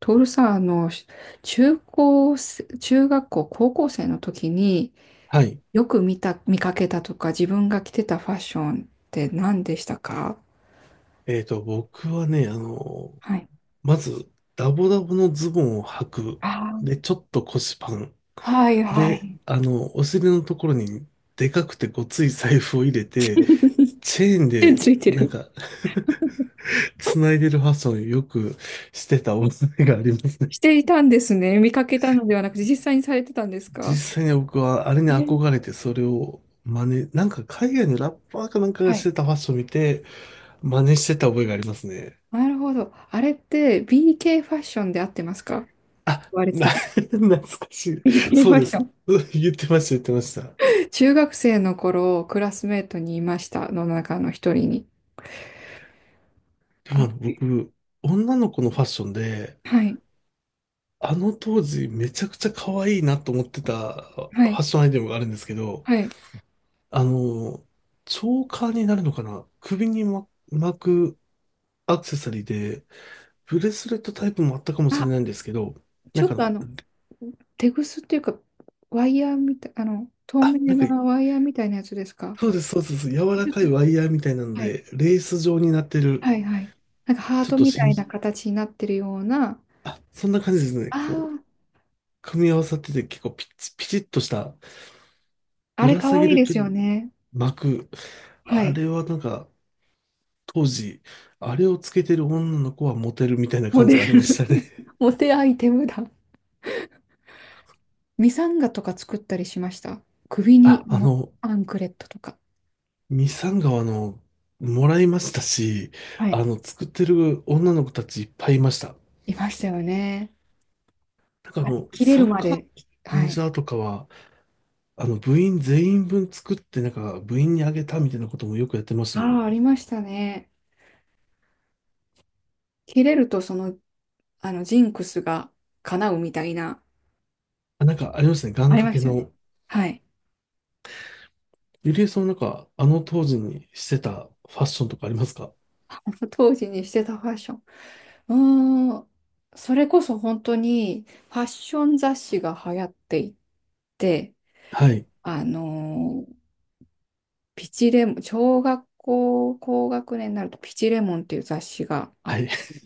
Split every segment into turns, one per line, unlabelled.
トールさん、中高生、中学校、高校生の時に
はい。
よく見た、見かけたとか、自分が着てたファッションって何でしたか？
僕はね、
はい。
まず、ダボダボのズボンを履く。
あ
で、
ー。
ちょっと腰パン。
はいは
で、
い。
お尻のところに、でかくてごつい財布を入れて、チェーン
手
で、
ついて
なん
る。
か 繋いでるファッションをよくしてたお覚えがありますね。
していたんですね。見かけたのではなくて、実際にされてたんですか？
実際に僕はあれに
えー。
憧れてそれを真似、なんか海外のラッパーかなんかが
は
し
い。
てたファッションを見て真似してた覚えがありますね。
なるほど。あれって BK ファッションで合ってますか？言
あ、
われて
な、
た。
懐かしい。
BK フ
そう
ァ
で
ッシ
す。
ョン。
うん、言ってました、言ってました。
中学生の頃、クラスメートにいました、の中の一人に。
で
あ、
も僕、女の子のファッションで、
はい、
あの当時めちゃくちゃ可愛いなと思ってたフ
は
ァ
い、
ッションアイテムがあるんですけど、
はい。
あの、チョーカーになるのかな、首に巻くアクセサリーで、ブレスレットタイプもあったかもしれ
あ、
ないんですけど、
ち
な
ょ
ん
っ
かあ
と
の、
テグスっていうか、ワイヤーみたい、透
あ、な
明
ん
な
か、
ワイヤーみたいなやつですか？
そうです、そうです、そうです、柔
ち
ら
ょっ
かい
と、
ワイヤーみたいなの
はい、
で、レース状になってる、
はい、はい。なんかハー
ちょっ
ト
と
みた
しん
いな形になってるような、
そんな感じですね。こう、
あ
組み合わさってて結構ピチッとした、
あ、あ
ぶ
れ
ら
か
下
わ
げ
いい
る
ですよね。
巻く。
は
あ
い。
れはなんか当時、あれをつけてる女の子はモテるみたいな
モ
感
デ
じがありました
ル。
ね。
モテアイテムだ。ミサンガとか作ったりしました？首 に、
あ、あの、
アンクレットとか。
ミサンガはもらいましたし、
はい。
作ってる女の子たちいっぱいいました。
いましたよね。あれ、切れ
サ
る
ッ
ま
カーの
で。
マネー
は
ジ
い。
ャーとかは、部員全員分作って、なんか部員にあげたみたいなこともよくやってました
あ
ね。
あ、ありましたね。切れると、ジンクスが叶うみたいな、
あ、なんかありましたね。願
あり
掛
ま
け
したよね。
の、
はい。
ゆりえさんなんか、あの当時にしてたファッションとかありますか？
当時にしてたファッション。うーん。それこそ本当にファッション雑誌が流行っていて、
はい。
あのーピチレモン、小学校高学年になるとピチレモンっていう雑誌があ
は
っ、
い。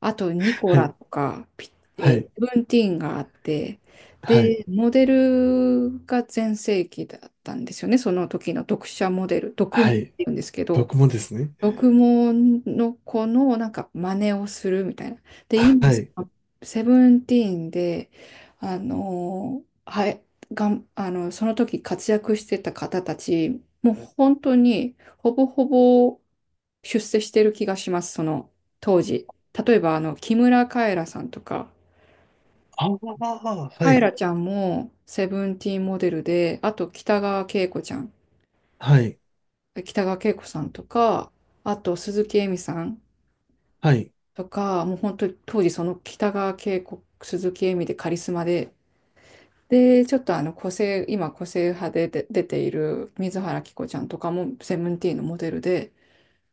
あとニコ
は
ラ
い。
とか、
はい。
セブンティーンがあって、
はい。
で、モデルが全盛期だったんですよね。その時の読者モデル、読モ
は
っ
い。
ていうんですけど、
僕もですね。
読モの子のなんか真似をするみたいな。で、今、
はい。
セブンティーンで、あのはい、がん、あの、その時活躍してた方たち、もう本当にほぼほぼ出世してる気がします、その当時。例えば、木村カエラさんとか、
ああ、は
カエ
い。
ラちゃんもセブンティーンモデルで、あと北川景子ちゃん、
はい。
北川景子さんとか、あと鈴木恵美さん、
はい。
とか、もう本当に当時その北川景子、鈴木恵美でカリスマで、で、ちょっと個性、今個性派で出ている水原希子ちゃんとかもセブンティーンのモデルで、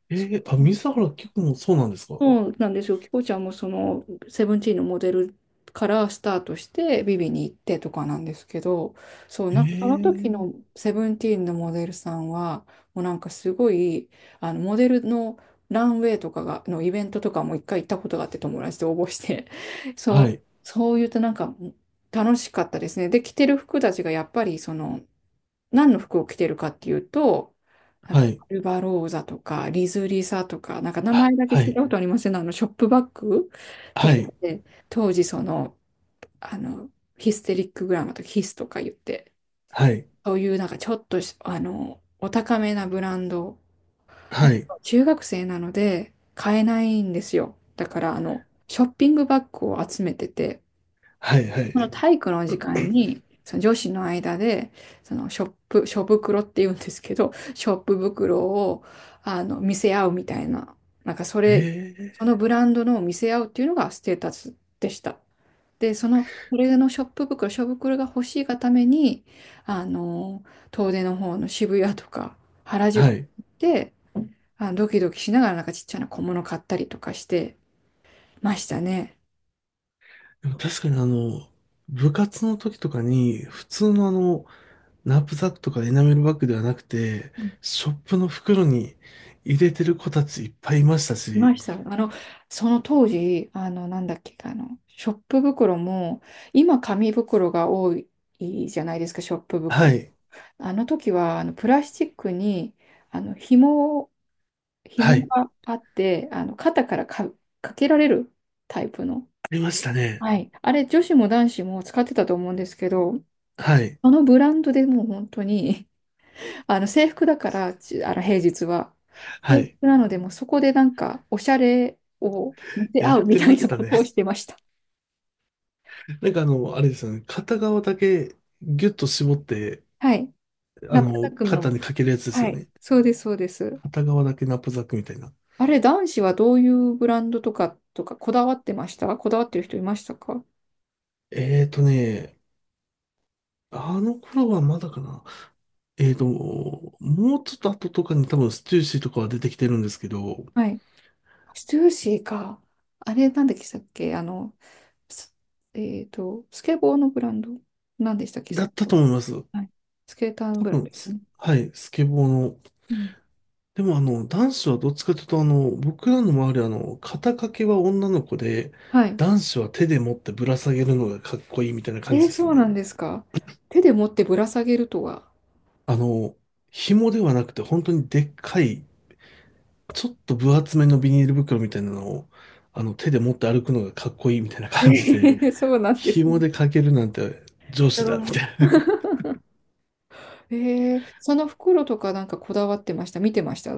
え
そ
ー、あ、水原希子もそうなんですか？
そうなんですよ。キコちゃんもそのセブンティーンのモデルからスタートしてビビに行ってとかなんですけど、そう、
え
なんかその時
ー、
のセブンティーンのモデルさんは、もうなんかすごい、あのモデルのランウェイとかが、のイベントとかも一回行ったことがあって友達と応募して、そ
は
う、
い。
そう言うとなんか楽しかったですね。で、着てる服たちがやっぱり何の服を着てるかっていうと、なんか、
はい。
アルバローザとか、リズリサとか、なんか名
あ、
前だけ
は
聞いた
い。
ことありません？ショップバッグと
は
か
い。
で、当時あの、ヒステリックグラマーとかヒスとか言って、
はい。
そういうなんかちょっとし、お高めなブランド。だ
は
け
い。
ど中学生なので買えないんですよ。だから、ショッピングバッグを集めてて、
はい。は
この
い。
体育の時間に、その女子の間で、ショ袋って言うんですけど、ショップ袋を、見せ合うみたいな、なんかそれ、そ
え
のブランドのを見せ合うっていうのがステータスでした。で、それのショップ袋、が欲しいがために、あの、遠出の方の渋谷とか原
ー、は
宿
い。
で、あ、ドキドキしながらなんかちっちゃな小物買ったりとかしてましたね。
でも確かに部活の時とかに、普通のナップサックとかエナメルバッグではなくて、ショップの袋に入れてる子たちいっぱいいました
いま
し、
した。その当時、なんだっけ、ショップ袋も、今、紙袋が多いじゃないですか、ショップ
は
袋。
い、
あの時は、プラスチックに、あの、紐を、
は
紐
い、
があって、肩からか、かけられるタイプの。
ありましたね。
はい。あれ、女子も男子も使ってたと思うんですけど、
はい、
あのブランドでもう本当にあの制服だから、ちあの平日は。
は
制
い、
服なので、もうそこでなんか、おしゃれを見せ
や
合
っ
うみ
て
た
ま
い
し
な
た
こ
ね。
とをし てました。
あれですよね、片側だけギュッと絞って、
はい。中田くん
肩に
の。
かけるやつです
は
よ
い。
ね。
そうです、そうです。
片側だけナップサックみたいな。
あれ、男子はどういうブランドとか、こだわってる人いましたか？
えーとね、あの頃はまだかな。えーと、もうちょっと後とかに多分ステューシーとかは出てきてるんですけど、
はい。ステューシーか。あれ、なんでしたっけす、スケボーのブランド。なんでしたっけ
だ
さっ
っ
き、
たと思います。
はい。スケーターの
多
ブランド
分
ですよ
す、
ね。
はい、スケボーの。
うん。
でも男子はどっちかというと僕らの周りは肩掛けは女の子で、
はい。
男子は手で持ってぶら下げるのがかっこいいみたいな感じでした
そうな
ね。
んですか。手で持ってぶら下げるとは？
あの、紐ではなくて本当にでっかい、ちょっと分厚めのビニール袋みたいなのを、手で持って歩くのがかっこいいみたいな
え
感じで、
ー そうなんです
紐
ね。
で掛けるなんて上
う
司だ、みた
ん。
い
その袋とかなんかこだわってました？見てました？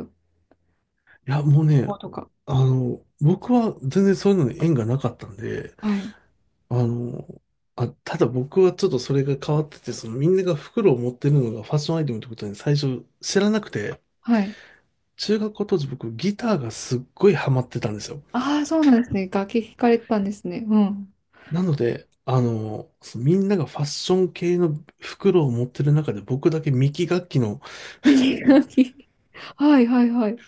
な。いや、もう
こ
ね、
ことか。
僕は全然そういうのに縁がなかったんで、
はい。
あの、あ、ただ僕はちょっとそれが変わってて、そのみんなが袋を持ってるのがファッションアイテムってことに最初知らなくて、
はい。
中学校当時僕ギターがすっごいハマってたんですよ。
ああ、そうなんですね。楽器弾かれてたんですね。うん。
なので、そのみんながファッション系の袋を持ってる中で僕だけミキ楽器の、
楽器。はいはいはい。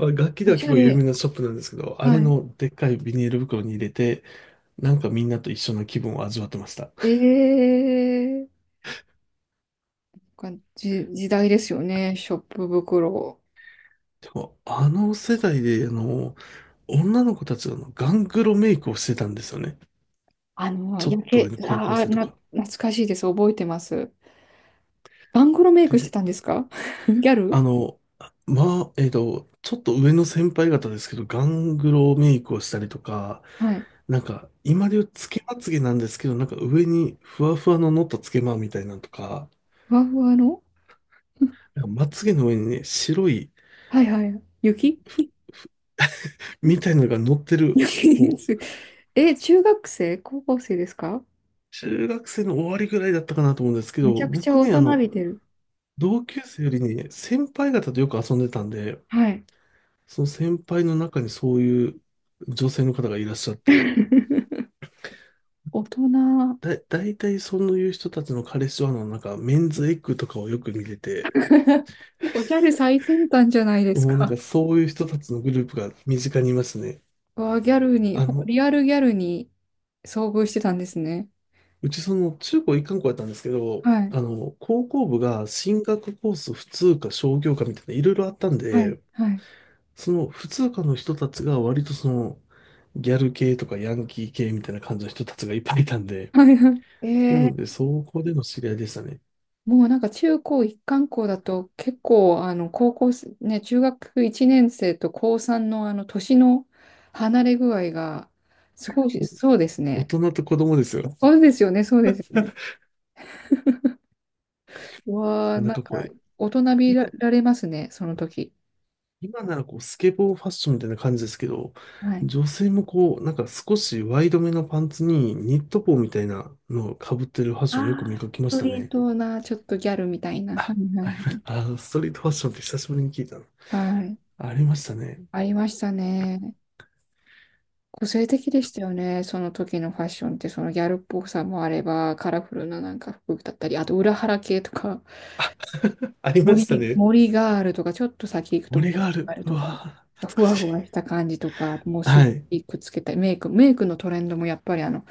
あ、楽器で
お
は
し
結
ゃ
構有名
れ。
なショップなんですけど、あれ
はい。
のでっかいビニール袋に入れて、なんかみんなと一緒の気分を味わってました。
ええー、時代ですよね。ショップ袋。
でも、あの世代で、女の子たちがあのガングロメイクをしてたんですよね。ちょっと上の高校
ああ、
生とか。
懐かしいです。覚えてます。バングロメイクして
で、
たんですか？ ギャル。
あの、ちょっと上の先輩方ですけど、ガングロメイクをしたりとか、
はい。
なんか、今で言うつけまつげなんですけど、なんか上にふわふわの乗ったつけまみたいなのとか、
ふわふわの。
なんかまつげの上にね、白い
はいはい。雪。
み たいなのが乗ってる、
雪で
こ
す。
う、
え、中学生高校生ですか？
中学生の終わりぐらいだったかなと思うんですけ
めち
ど、
ゃくちゃ
僕
大
ね、
人びてる。
同級生よりね、先輩方とよく遊んでたんで、
はい。
その先輩の中にそういう女性の方がいらっしゃって、
大人。
大体そういう人たちの彼氏はの、なんか、メンズエッグとかをよく見てて、
おギャル最先端じゃないです
もうなん
か？
かそういう人たちのグループが身近にいますね。
わあ、ギャルに、
あの、
リアルギャルに遭遇してたんですね。
うちその中高一貫校やったんですけど、
はい。
高校部が進学コース普通科商業科みたいないろいろあったん
はい。
で、
はい。
その普通科の人たちが割とその、ギャル系とかヤンキー系みたいな感じの人たちがいっぱいいたん で、
はいはい。え
なの
ー。
で、そこでの知り合いでしたね。
もうなんか中高一貫校だと結構高校生、ね、中学1年生と高3のあの年の離れ具合がすごい、そうです
お、大
ね。
人と子供ですよ。
そうですよね、そうですよね。うわあ、
なん
なん
かこ
か
う、
大人び
今、
られますね、その時。
今ならこうスケボーファッションみたいな感じですけど、
はい。
女性もこう、なんか少しワイドめのパンツにニット帽みたいなのをかぶってるファッションよく見
あ
か
あ、
け
ス
まし
ト
た
リー
ね。
トな、ちょっとギャルみたいな。は
あ、
いは
あり
い。
ました、ストリートファッションって久しぶりに聞いたの。
はい。はい。
ありましたね。
ありましたね。個性的でしたよね、その時のファッションって、そのギャルっぽさもあれば、カラフルななんか服だったり、あと裏腹系とか。
ありましたね。
森があるとか、ちょっと先行くと
森が
森
あ
が
る。
ある
う
とか、
わぁ、
ふ
懐か
わ
しい。
ふわした感じとか、もうす
は
ご
い。
いくっつけたい。メイクのトレンドもやっぱり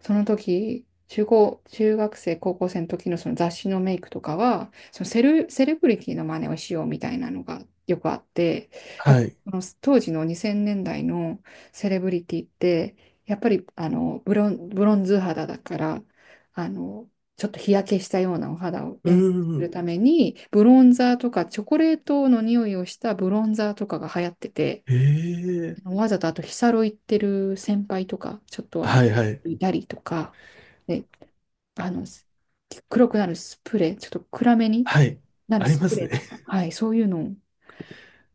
その時、中高、中学生、高校生の時のその雑誌のメイクとかは、セレブリティの真似をしようみたいなのがよくあって、やっ
は
ぱ
い。
その当時の2000年代のセレブリティって、やっぱりブロンズ肌だから、あの、ちょっと日焼けしたようなお肌を
う
演す
ー
る
ん。
ために、ブロンザーとか、チョコレートの匂いをしたブロンザーとかが流行ってて、
ええ、
わざとあと、ヒサロ行ってる先輩とか、ちょっと
はいはい。
いたりとか、で、あの、黒くなるスプレー、ちょっと暗めに
はい。
なる
あり
ス
ま
プ
す
レーと
ね。
か、はい、そういうのを、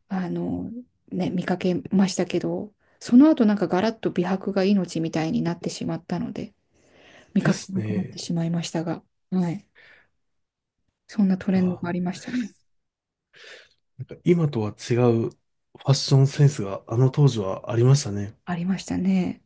あの、ね、見かけましたけど、その後なんかガラッと美白が命みたいになってしまったので、見
で
かけ
す
なくなって
ね。
しまいましたが、はい、そんなト
いや
レンドがあり
ー、
ましたね。
なんか今とは違うファッションセンスがあの当時はありましたね。
ありましたね。